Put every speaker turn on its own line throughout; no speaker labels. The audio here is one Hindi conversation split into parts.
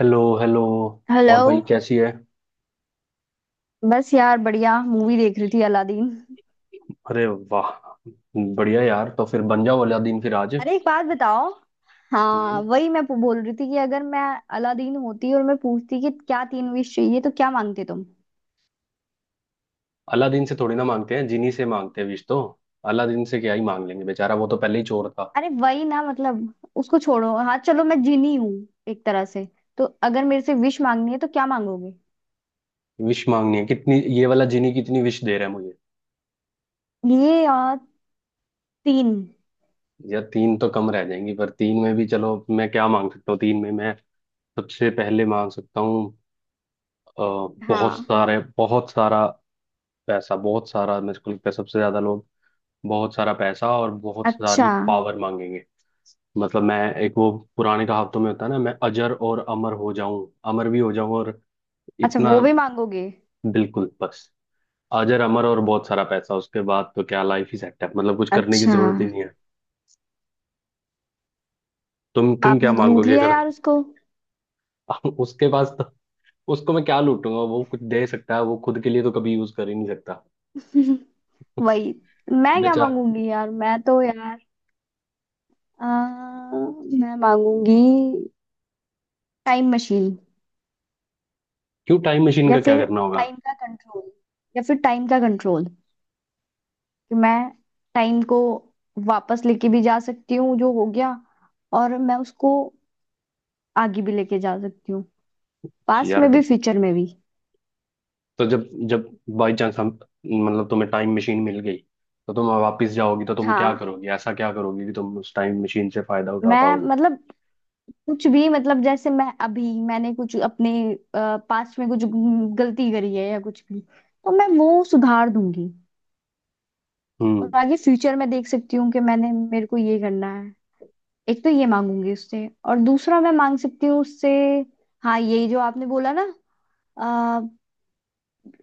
Hello hello.
हेलो।
और भाई, कैसी है?
बस यार, बढ़िया मूवी देख रही थी, अलादीन।
अरे, वाह, बढ़िया यार। तो फिर बन जाओ अलादीन फिर आज।
अरे, एक बात बताओ। हाँ,
हम्म।
वही मैं बोल रही थी कि अगर मैं अलादीन होती और मैं पूछती कि क्या तीन विश चाहिए, तो क्या मांगते तुम?
अलादीन से थोड़ी ना मांगते हैं, जिनी से मांगते हैं विश तो। अलादीन से क्या ही मांग लेंगे, बेचारा वो तो पहले ही चोर था।
अरे वही ना, मतलब उसको छोड़ो। हाँ चलो, मैं जिनी हूँ एक तरह से। तो अगर मेरे से विश मांगनी है तो क्या मांगोगे?
विश मांगनी है कितनी? ये वाला जिनी कितनी विश दे रहा है मुझे?
ये और तीन।
यार, तीन तो कम रह जाएंगी, पर तीन में भी चलो मैं क्या मांग सकता हूँ। तीन में मैं सबसे पहले मांग सकता हूँ। अ,
हाँ।
बहुत सारा पैसा। बहुत सारा, मेरे को लगता है सबसे ज्यादा लोग बहुत सारा पैसा और बहुत
अच्छा।
सारी पावर मांगेंगे। मतलब मैं एक वो पुराने कहावतों में होता है ना, मैं अजर और अमर हो जाऊं, अमर भी हो जाऊं और
अच्छा
इतना।
वो भी मांगोगे?
बिल्कुल, बस अजर अमर और बहुत सारा पैसा, उसके बाद तो क्या लाइफ ही सेट है। मतलब कुछ करने की
अच्छा,
जरूरत ही नहीं है। तुम क्या
आपने लूट
मांगोगे
लिया
अगर।
यार उसको।
उसके पास तो उसको मैं क्या लूटूंगा? वो कुछ दे सकता है, वो खुद के लिए तो कभी यूज कर ही नहीं सकता।
वही। मैं क्या
बेचा
मांगूंगी यार, मैं तो यार आ, मैं मांगूंगी टाइम मशीन।
क्यों, टाइम मशीन
या
का क्या
फिर
करना होगा?
टाइम का कंट्रोल, या फिर टाइम का कंट्रोल। कि मैं टाइम को वापस लेके भी जा सकती हूँ जो हो गया, और मैं उसको आगे भी लेके जा सकती हूँ, पास्ट
यार,
में भी फ्यूचर में भी।
तो जब जब बाई चांस हम मतलब तुम्हें टाइम मशीन मिल गई, तो तुम वापस जाओगी तो तुम क्या
हाँ,
करोगी? ऐसा क्या करोगी कि तुम उस टाइम मशीन से फायदा उठा
मैं
पाओगी?
मतलब कुछ भी, मतलब जैसे मैं अभी, मैंने कुछ अपने पास्ट में कुछ गलती करी है या कुछ भी, तो मैं वो सुधार दूंगी। और
हम्म।
आगे फ्यूचर में देख सकती हूँ कि मैंने मेरे को ये करना है। एक तो ये मांगूंगी उससे, और दूसरा मैं मांग सकती हूँ उससे। हाँ यही जो आपने बोला ना, आ,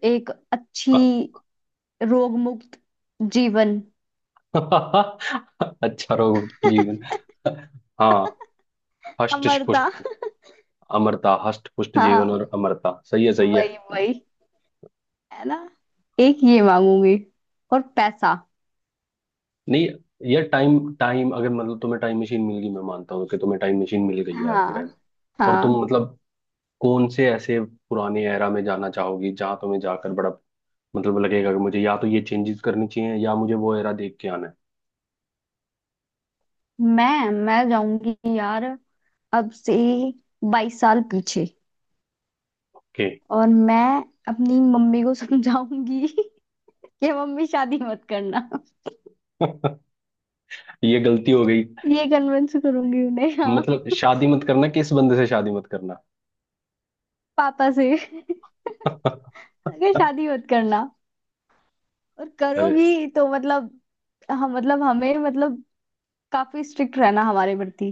एक अच्छी, रोग मुक्त जीवन,
अच्छा रहोगे जीवन। हाँ, हष्ट
अमरता।
पुष्ट। अमरता, हष्ट पुष्ट जीवन
हाँ,
और अमरता। सही है, सही है।
वही वही। है ना। एक ये मांगूंगी, और पैसा।
नहीं, ये टाइम टाइम अगर मतलब तुम्हें टाइम मशीन मिल गई, मैं मानता हूँ कि तुम्हें टाइम मशीन मिल गई है आज के टाइम,
हाँ।
और तुम
हाँ,
मतलब कौन से ऐसे पुराने एरा में जाना चाहोगी जहां तुम्हें जाकर बड़ा मतलब लगेगा कि मुझे या तो ये चेंजेस करनी चाहिए या मुझे वो एरा देख के आना है।
मैं जाऊंगी यार अब से 22 साल पीछे।
ओके।
और मैं अपनी मम्मी को समझाऊंगी कि मम्मी शादी मत करना।
ये गलती हो गई।
ये कन्विंस करूंगी उन्हें। हाँ।
मतलब शादी मत करना, किस बंदे से शादी मत करना?
पापा से। अगर शादी मत करना, और
अरे,
करोगी तो मतलब हम मतलब हमें मतलब काफी स्ट्रिक्ट रहना हमारे प्रति।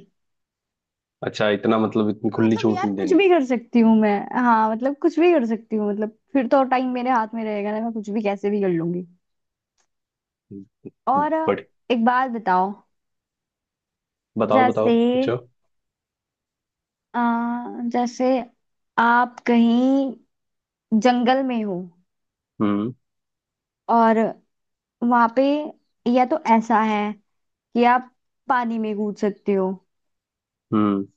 अच्छा इतना मतलब इतनी
तो
खुली
मतलब
छूट
यार,
नहीं
कुछ
देनी।
भी कर सकती हूँ मैं। हाँ मतलब कुछ भी कर सकती हूँ, मतलब फिर तो टाइम मेरे हाथ में रहेगा ना, मैं कुछ भी कैसे भी कर लूंगी। और
बट
एक बात बताओ।
बताओ, बताओ,
जैसे,
पूछो।
अ, जैसे आप कहीं जंगल में हो,
हम्म
और वहां पे या तो ऐसा है कि आप पानी में कूद सकते हो,
हम्म।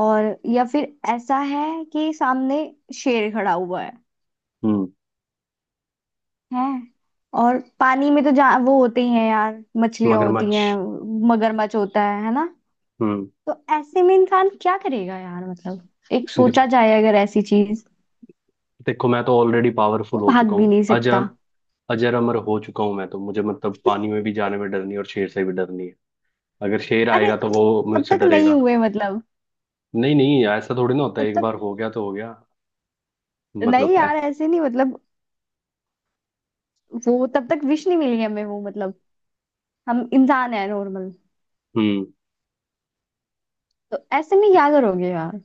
और या फिर ऐसा है कि सामने शेर खड़ा हुआ है।
हम्म।
हैं। और पानी में तो जा वो होते ही हैं यार, मछलियां होती
मगरमच्छ।
हैं, मगरमच्छ होता है ना।
हम्म।
तो ऐसे में इंसान क्या करेगा यार, मतलब। एक सोचा
देख-
जाए अगर ऐसी चीज।
देखो, मैं तो ऑलरेडी पावरफुल
वो
हो
भाग
चुका
भी
हूँ।
नहीं सकता।
अजब, अजर अमर हो चुका हूं मैं तो, मुझे मतलब पानी में भी जाने में डर नहीं और शेर से भी डर नहीं है। अगर शेर
अरे
आएगा तो वो
तब
मुझसे
तक नहीं
डरेगा।
हुए मतलब।
नहीं नहीं, ऐसा थोड़ी ना होता है,
तब
एक
तक
बार हो गया तो हो गया। मतलब
नहीं यार,
ऐसा।
ऐसे नहीं, मतलब वो तब तक विश नहीं मिली हमें, वो मतलब हम इंसान है नॉर्मल।
हम्म।
तो ऐसे में क्या करोगे यार?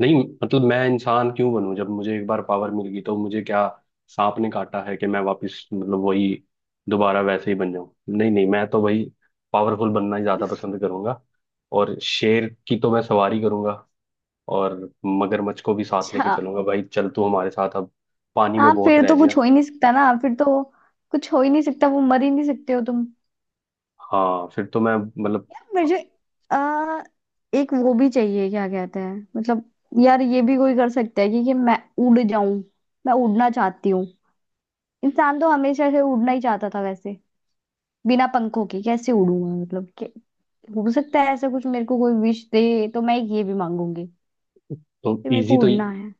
नहीं मतलब मैं इंसान क्यों बनूं? जब मुझे एक बार पावर मिल गई तो मुझे क्या सांप ने काटा है कि मैं वापस मतलब वही दोबारा वैसे ही बन जाऊं? नहीं नहीं, मैं तो वही पावरफुल बनना ही ज्यादा पसंद करूंगा। और शेर की तो मैं सवारी करूंगा। और मगरमच्छ को भी साथ लेके
अच्छा।
चलूंगा, भाई चल तू हमारे साथ अब। पानी में
हाँ
बहुत
फिर
रह
तो कुछ
लिया।
हो ही नहीं सकता ना, फिर तो कुछ हो ही नहीं सकता, वो मर ही नहीं सकते हो तुम।
हाँ, फिर तो मैं मतलब।
यार मुझे आ, एक वो भी चाहिए, क्या कहते हैं मतलब। यार ये भी कोई कर सकता है कि मैं उड़ जाऊं। मैं उड़ना चाहती हूँ। इंसान तो हमेशा से उड़ना ही चाहता था वैसे। बिना पंखों के कैसे उड़ूंगा, मतलब कि हो सकता है ऐसा कुछ। मेरे को कोई विश दे तो मैं एक ये भी मांगूंगी
तो
कि मेरे
इजी
को
तो।
उड़ना है।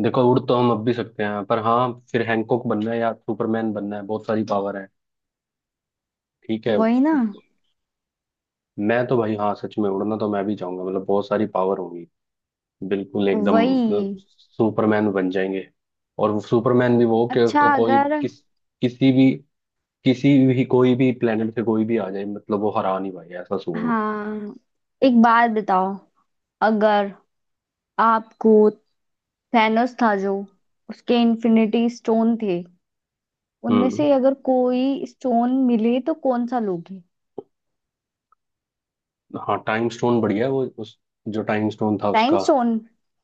देखो, उड़ तो हम अब भी सकते हैं, पर हाँ फिर हैंकॉक बनना है या सुपरमैन बनना है, बहुत सारी पावर है। ठीक है।
वही ना।
मैं तो भाई, हाँ, सच में उड़ना तो मैं भी चाहूंगा, मतलब बहुत सारी पावर होगी। बिल्कुल एकदम, मतलब
वही।
सुपरमैन बन जाएंगे। और वो सुपरमैन भी वो, कि
अच्छा
उसको कोई
अगर।
किसी भी किसी भी कोई भी प्लेनेट से कोई भी आ जाए, मतलब वो हरा नहीं पाएगा ऐसा सुपरमैन।
हाँ एक बात बताओ। अगर आपको थैनोस था जो, उसके इन्फिनिटी स्टोन थे, उनमें
हम्म।
से अगर कोई स्टोन मिले तो कौन सा लोगे?
हाँ, टाइम स्टोन बढ़िया है वो। उस जो टाइम स्टोन था
टाइम
उसका।
स्टोन।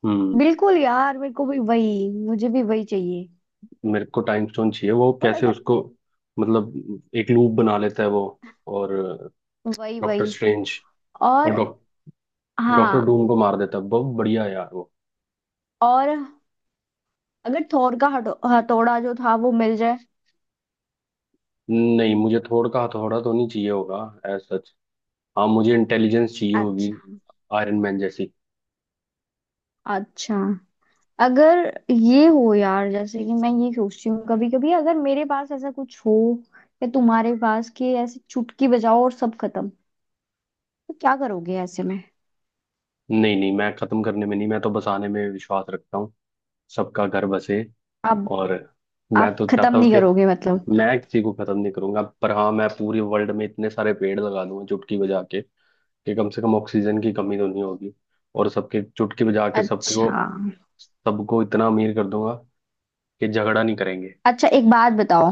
हम्म।
बिल्कुल यार, मेरे को भी वही, मुझे भी वही चाहिए।
मेरे को टाइम स्टोन चाहिए। वो
और
कैसे
अगर
उसको मतलब एक लूप बना लेता है वो। और
वही
डॉक्टर
वही।
स्ट्रेंज। और
और
डॉक्टर
हाँ,
डूम को मार देता है, बहुत बढ़िया है यार वो।
और अगर थोर का हथौड़ा जो था वो मिल जाए।
नहीं, मुझे थोड़ा का हथौड़ा तो नहीं चाहिए होगा। As such. हाँ, मुझे इंटेलिजेंस चाहिए होगी,
अच्छा।
आयरन मैन जैसी।
अच्छा अगर ये हो यार, जैसे कि मैं ये सोचती हूँ कभी कभी, अगर मेरे पास ऐसा कुछ हो या तुम्हारे पास, कि ऐसे चुटकी बजाओ और सब खत्म, तो क्या करोगे ऐसे में?
नहीं नहीं, मैं खत्म करने में नहीं, मैं तो बसाने में विश्वास रखता हूँ। सबका घर बसे।
आप।
और मैं
आप
तो
खत्म
चाहता हूँ
नहीं
कि
करोगे मतलब।
मैं किसी को खत्म नहीं करूंगा, पर हाँ मैं पूरे वर्ल्ड में इतने सारे पेड़ लगा दूंगा चुटकी बजा के, कि कम से कम ऑक्सीजन की कमी तो नहीं होगी। और सबके चुटकी बजा के सबके को,
अच्छा।
सबको इतना अमीर कर दूंगा कि झगड़ा नहीं करेंगे।
अच्छा एक बात बताओ।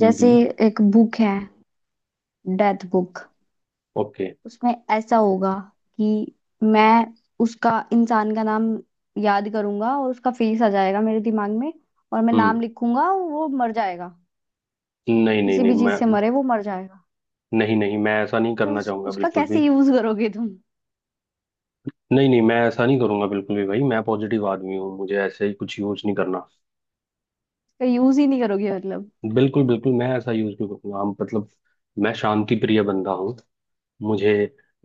जैसे
हम्म।
एक बुक है, डेथ बुक।
ओके।
उसमें ऐसा होगा कि मैं उसका, इंसान का नाम याद करूंगा और उसका फेस आ जाएगा मेरे दिमाग में, और मैं
हम्म।
नाम लिखूंगा वो मर जाएगा।
नहीं नहीं
किसी
नहीं
भी
मैं।
चीज से मरे, वो मर जाएगा।
नहीं नहीं, मैं ऐसा नहीं
तो
करना चाहूंगा
उसका
बिल्कुल भी।
कैसे यूज करोगे तुम?
नहीं नहीं, मैं ऐसा नहीं करूंगा बिल्कुल भी, भाई मैं पॉजिटिव आदमी हूँ, मुझे ऐसे ही कुछ यूज नहीं करना।
उसका यूज ही नहीं करोगे मतलब।
बिल्कुल बिल्कुल, मैं ऐसा यूज नहीं करूंगा। हम मतलब मैं शांति प्रिय बंदा हूँ। मुझे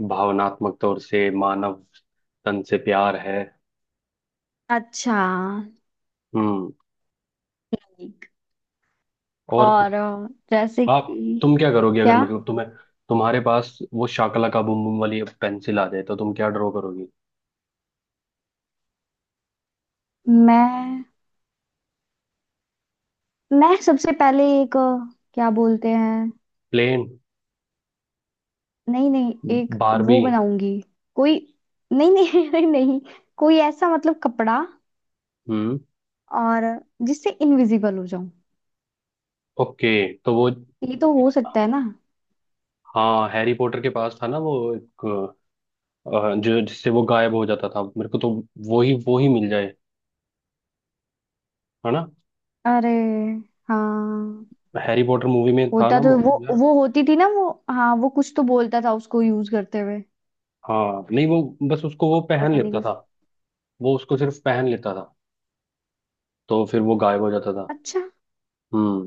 भावनात्मक तौर से मानव तन से प्यार है।
अच्छा।
हम्म।
ठीक।
और
और जैसे
आप
कि
तुम क्या करोगे अगर
क्या?
मतलब तुम्हें, तुम्हारे पास वो शाकला का बुम बुम वाली पेंसिल आ जाए तो तुम क्या ड्रॉ करोगी?
मैं मैं सबसे पहले एक क्या बोलते हैं।
प्लेन।
नहीं नहीं एक
बारबी।
वो बनाऊंगी। कोई। नहीं नहीं नहीं नहीं। कोई ऐसा, मतलब कपड़ा,
हम्म।
और जिससे इनविजिबल हो जाऊं।
ओके। तो वो,
ये तो हो सकता है ना।
हाँ, हैरी पॉटर के पास था ना वो एक, जो जिससे वो गायब हो जाता था। मेरे को तो वो ही मिल जाए, है ना।
अरे हाँ।
हैरी पॉटर मूवी में था
होता
ना वो।
तो वो।
यार,
वो होती थी ना वो, हाँ। वो कुछ तो बोलता था उसको यूज करते हुए,
हाँ, नहीं वो बस उसको वो पहन
पता नहीं
लेता था।
कुछ।
वो उसको सिर्फ पहन लेता था तो फिर वो गायब हो जाता था।
अच्छा
हम्म।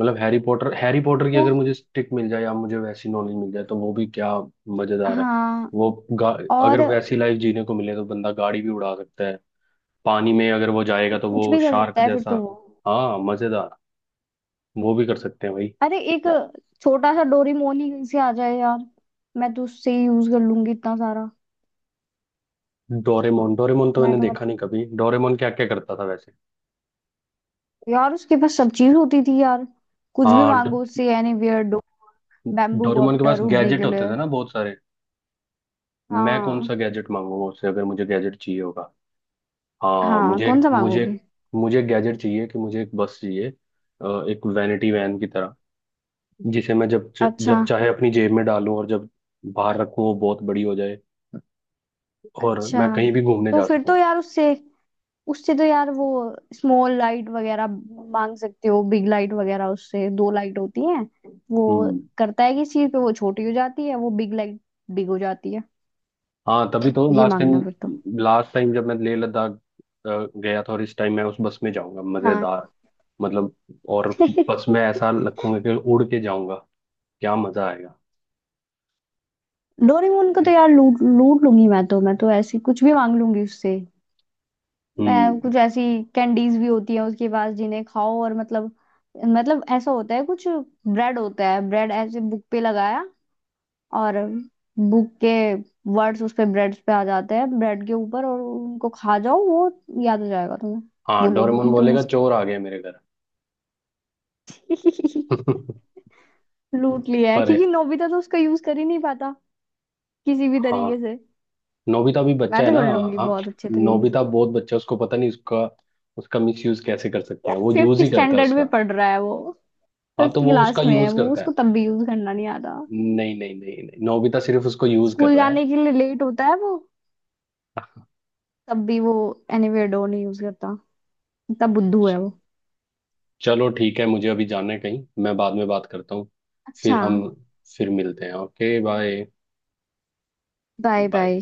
मतलब हैरी पॉटर, हैरी पॉटर की
तो।
अगर मुझे स्टिक मिल जाए या मुझे वैसी नॉलेज मिल जाए तो वो भी क्या मजेदार है।
हाँ।
वो गा, अगर
और
वैसी लाइफ जीने को मिले तो बंदा गाड़ी भी उड़ा सकता है। पानी में अगर वो जाएगा तो
कुछ
वो
भी कर
शार्क
सकता है फिर तो
जैसा।
वो।
हाँ, मजेदार, वो भी कर सकते हैं भाई।
अरे एक छोटा सा डोरीमोन ही कहीं से आ जाए यार, मैं तो उससे ही यूज कर लूंगी इतना सारा।
डोरेमोन, डोरेमोन तो
मैं
मैंने
तो
देखा
मतलब,
नहीं कभी, डोरेमोन क्या क्या करता था वैसे?
यार उसके पास सब चीज होती थी यार, कुछ भी
हाँ,
मांगो उससे। यानी बियर्डो। बैम्बू
डोरेमोन के
कॉप्टर
पास
उड़ने
गैजेट
के
होते
लिए।
थे ना बहुत सारे। मैं कौन
हाँ।
सा गैजेट मांगूंगा उससे अगर मुझे गैजेट चाहिए होगा? हाँ,
हाँ
मुझे
कौन सा
मुझे
मांगोगे।
मुझे गैजेट चाहिए कि मुझे एक बस चाहिए। एक वैनिटी वैन की तरह, जिसे मैं
अच्छा।
जब चाहे अपनी जेब में डालूं और जब बाहर रखूं वो बहुत बड़ी हो जाए, और
अच्छा
मैं कहीं भी घूमने
तो
जा
फिर
सकूं।
तो यार उससे, उससे तो यार वो स्मॉल लाइट वगैरह मांग सकते हो, बिग लाइट वगैरह। उससे दो लाइट होती है। वो
हम्म।
करता है किस चीज पे वो छोटी हो जाती है, वो बिग लाइट, बिग हो जाती है।
हाँ, तभी तो
ये
लास्ट
मांगना फिर तो।
टाइम, लास्ट टाइम जब मैं लेह लद्दाख गया था, और इस टाइम मैं उस बस में जाऊंगा।
हाँ
मजेदार, मतलब। और बस में ऐसा रखूंगा कि उड़ के जाऊंगा, क्या मजा आएगा।
डोरेमोन को तो यार लूट लूट लूंगी मैं तो, मैं तो ऐसी कुछ भी मांग लूंगी उससे। मैं,
हम्म।
कुछ ऐसी कैंडीज भी होती है उसके पास, जिन्हें खाओ और मतलब, मतलब ऐसा होता है कुछ। ब्रेड होता है, ब्रेड ऐसे बुक पे लगाया, और बुक के वर्ड्स उस पे ब्रेड पे आ जाते हैं, ब्रेड के ऊपर, और उनको खा जाओ, वो याद हो जाएगा तुम्हें।
हाँ,
बोलोगी
डोरेमोन
नहीं तुम
बोलेगा
उसको।
चोर आ गए मेरे घर।
लूट लिया है,
पर,
क्योंकि नोबिता तो उसका यूज कर ही नहीं पाता किसी भी तरीके
हाँ,
से।
नोबिता भी
मैं
बच्चा है
तो
ना।
कर लूंगी
हाँ,
बहुत अच्छे तरीके।
नोबिता बहुत बच्चा है, उसको पता नहीं उसका उसका मिसयूज कैसे कर सकते
यार
हैं, वो
फिफ्थ
यूज ही करता है
स्टैंडर्ड में
उसका।
पढ़ रहा है वो,
हाँ,
फिफ्थ
तो वो उसका
क्लास में है
यूज
वो,
करता
उसको
है।
तब भी यूज करना नहीं आता।
नहीं नहीं नहीं नहीं, नोबिता सिर्फ उसको यूज कर
स्कूल
रहा है।
जाने के लिए लेट होता है वो, तब भी वो एनीवेयर डोर नहीं यूज करता, इतना बुद्धू है वो।
चलो ठीक है, मुझे अभी जाना है कहीं, मैं बाद में बात करता हूँ।
अच्छा,
फिर हम फिर मिलते हैं, okay, bye.
Bye
bye.
Bye.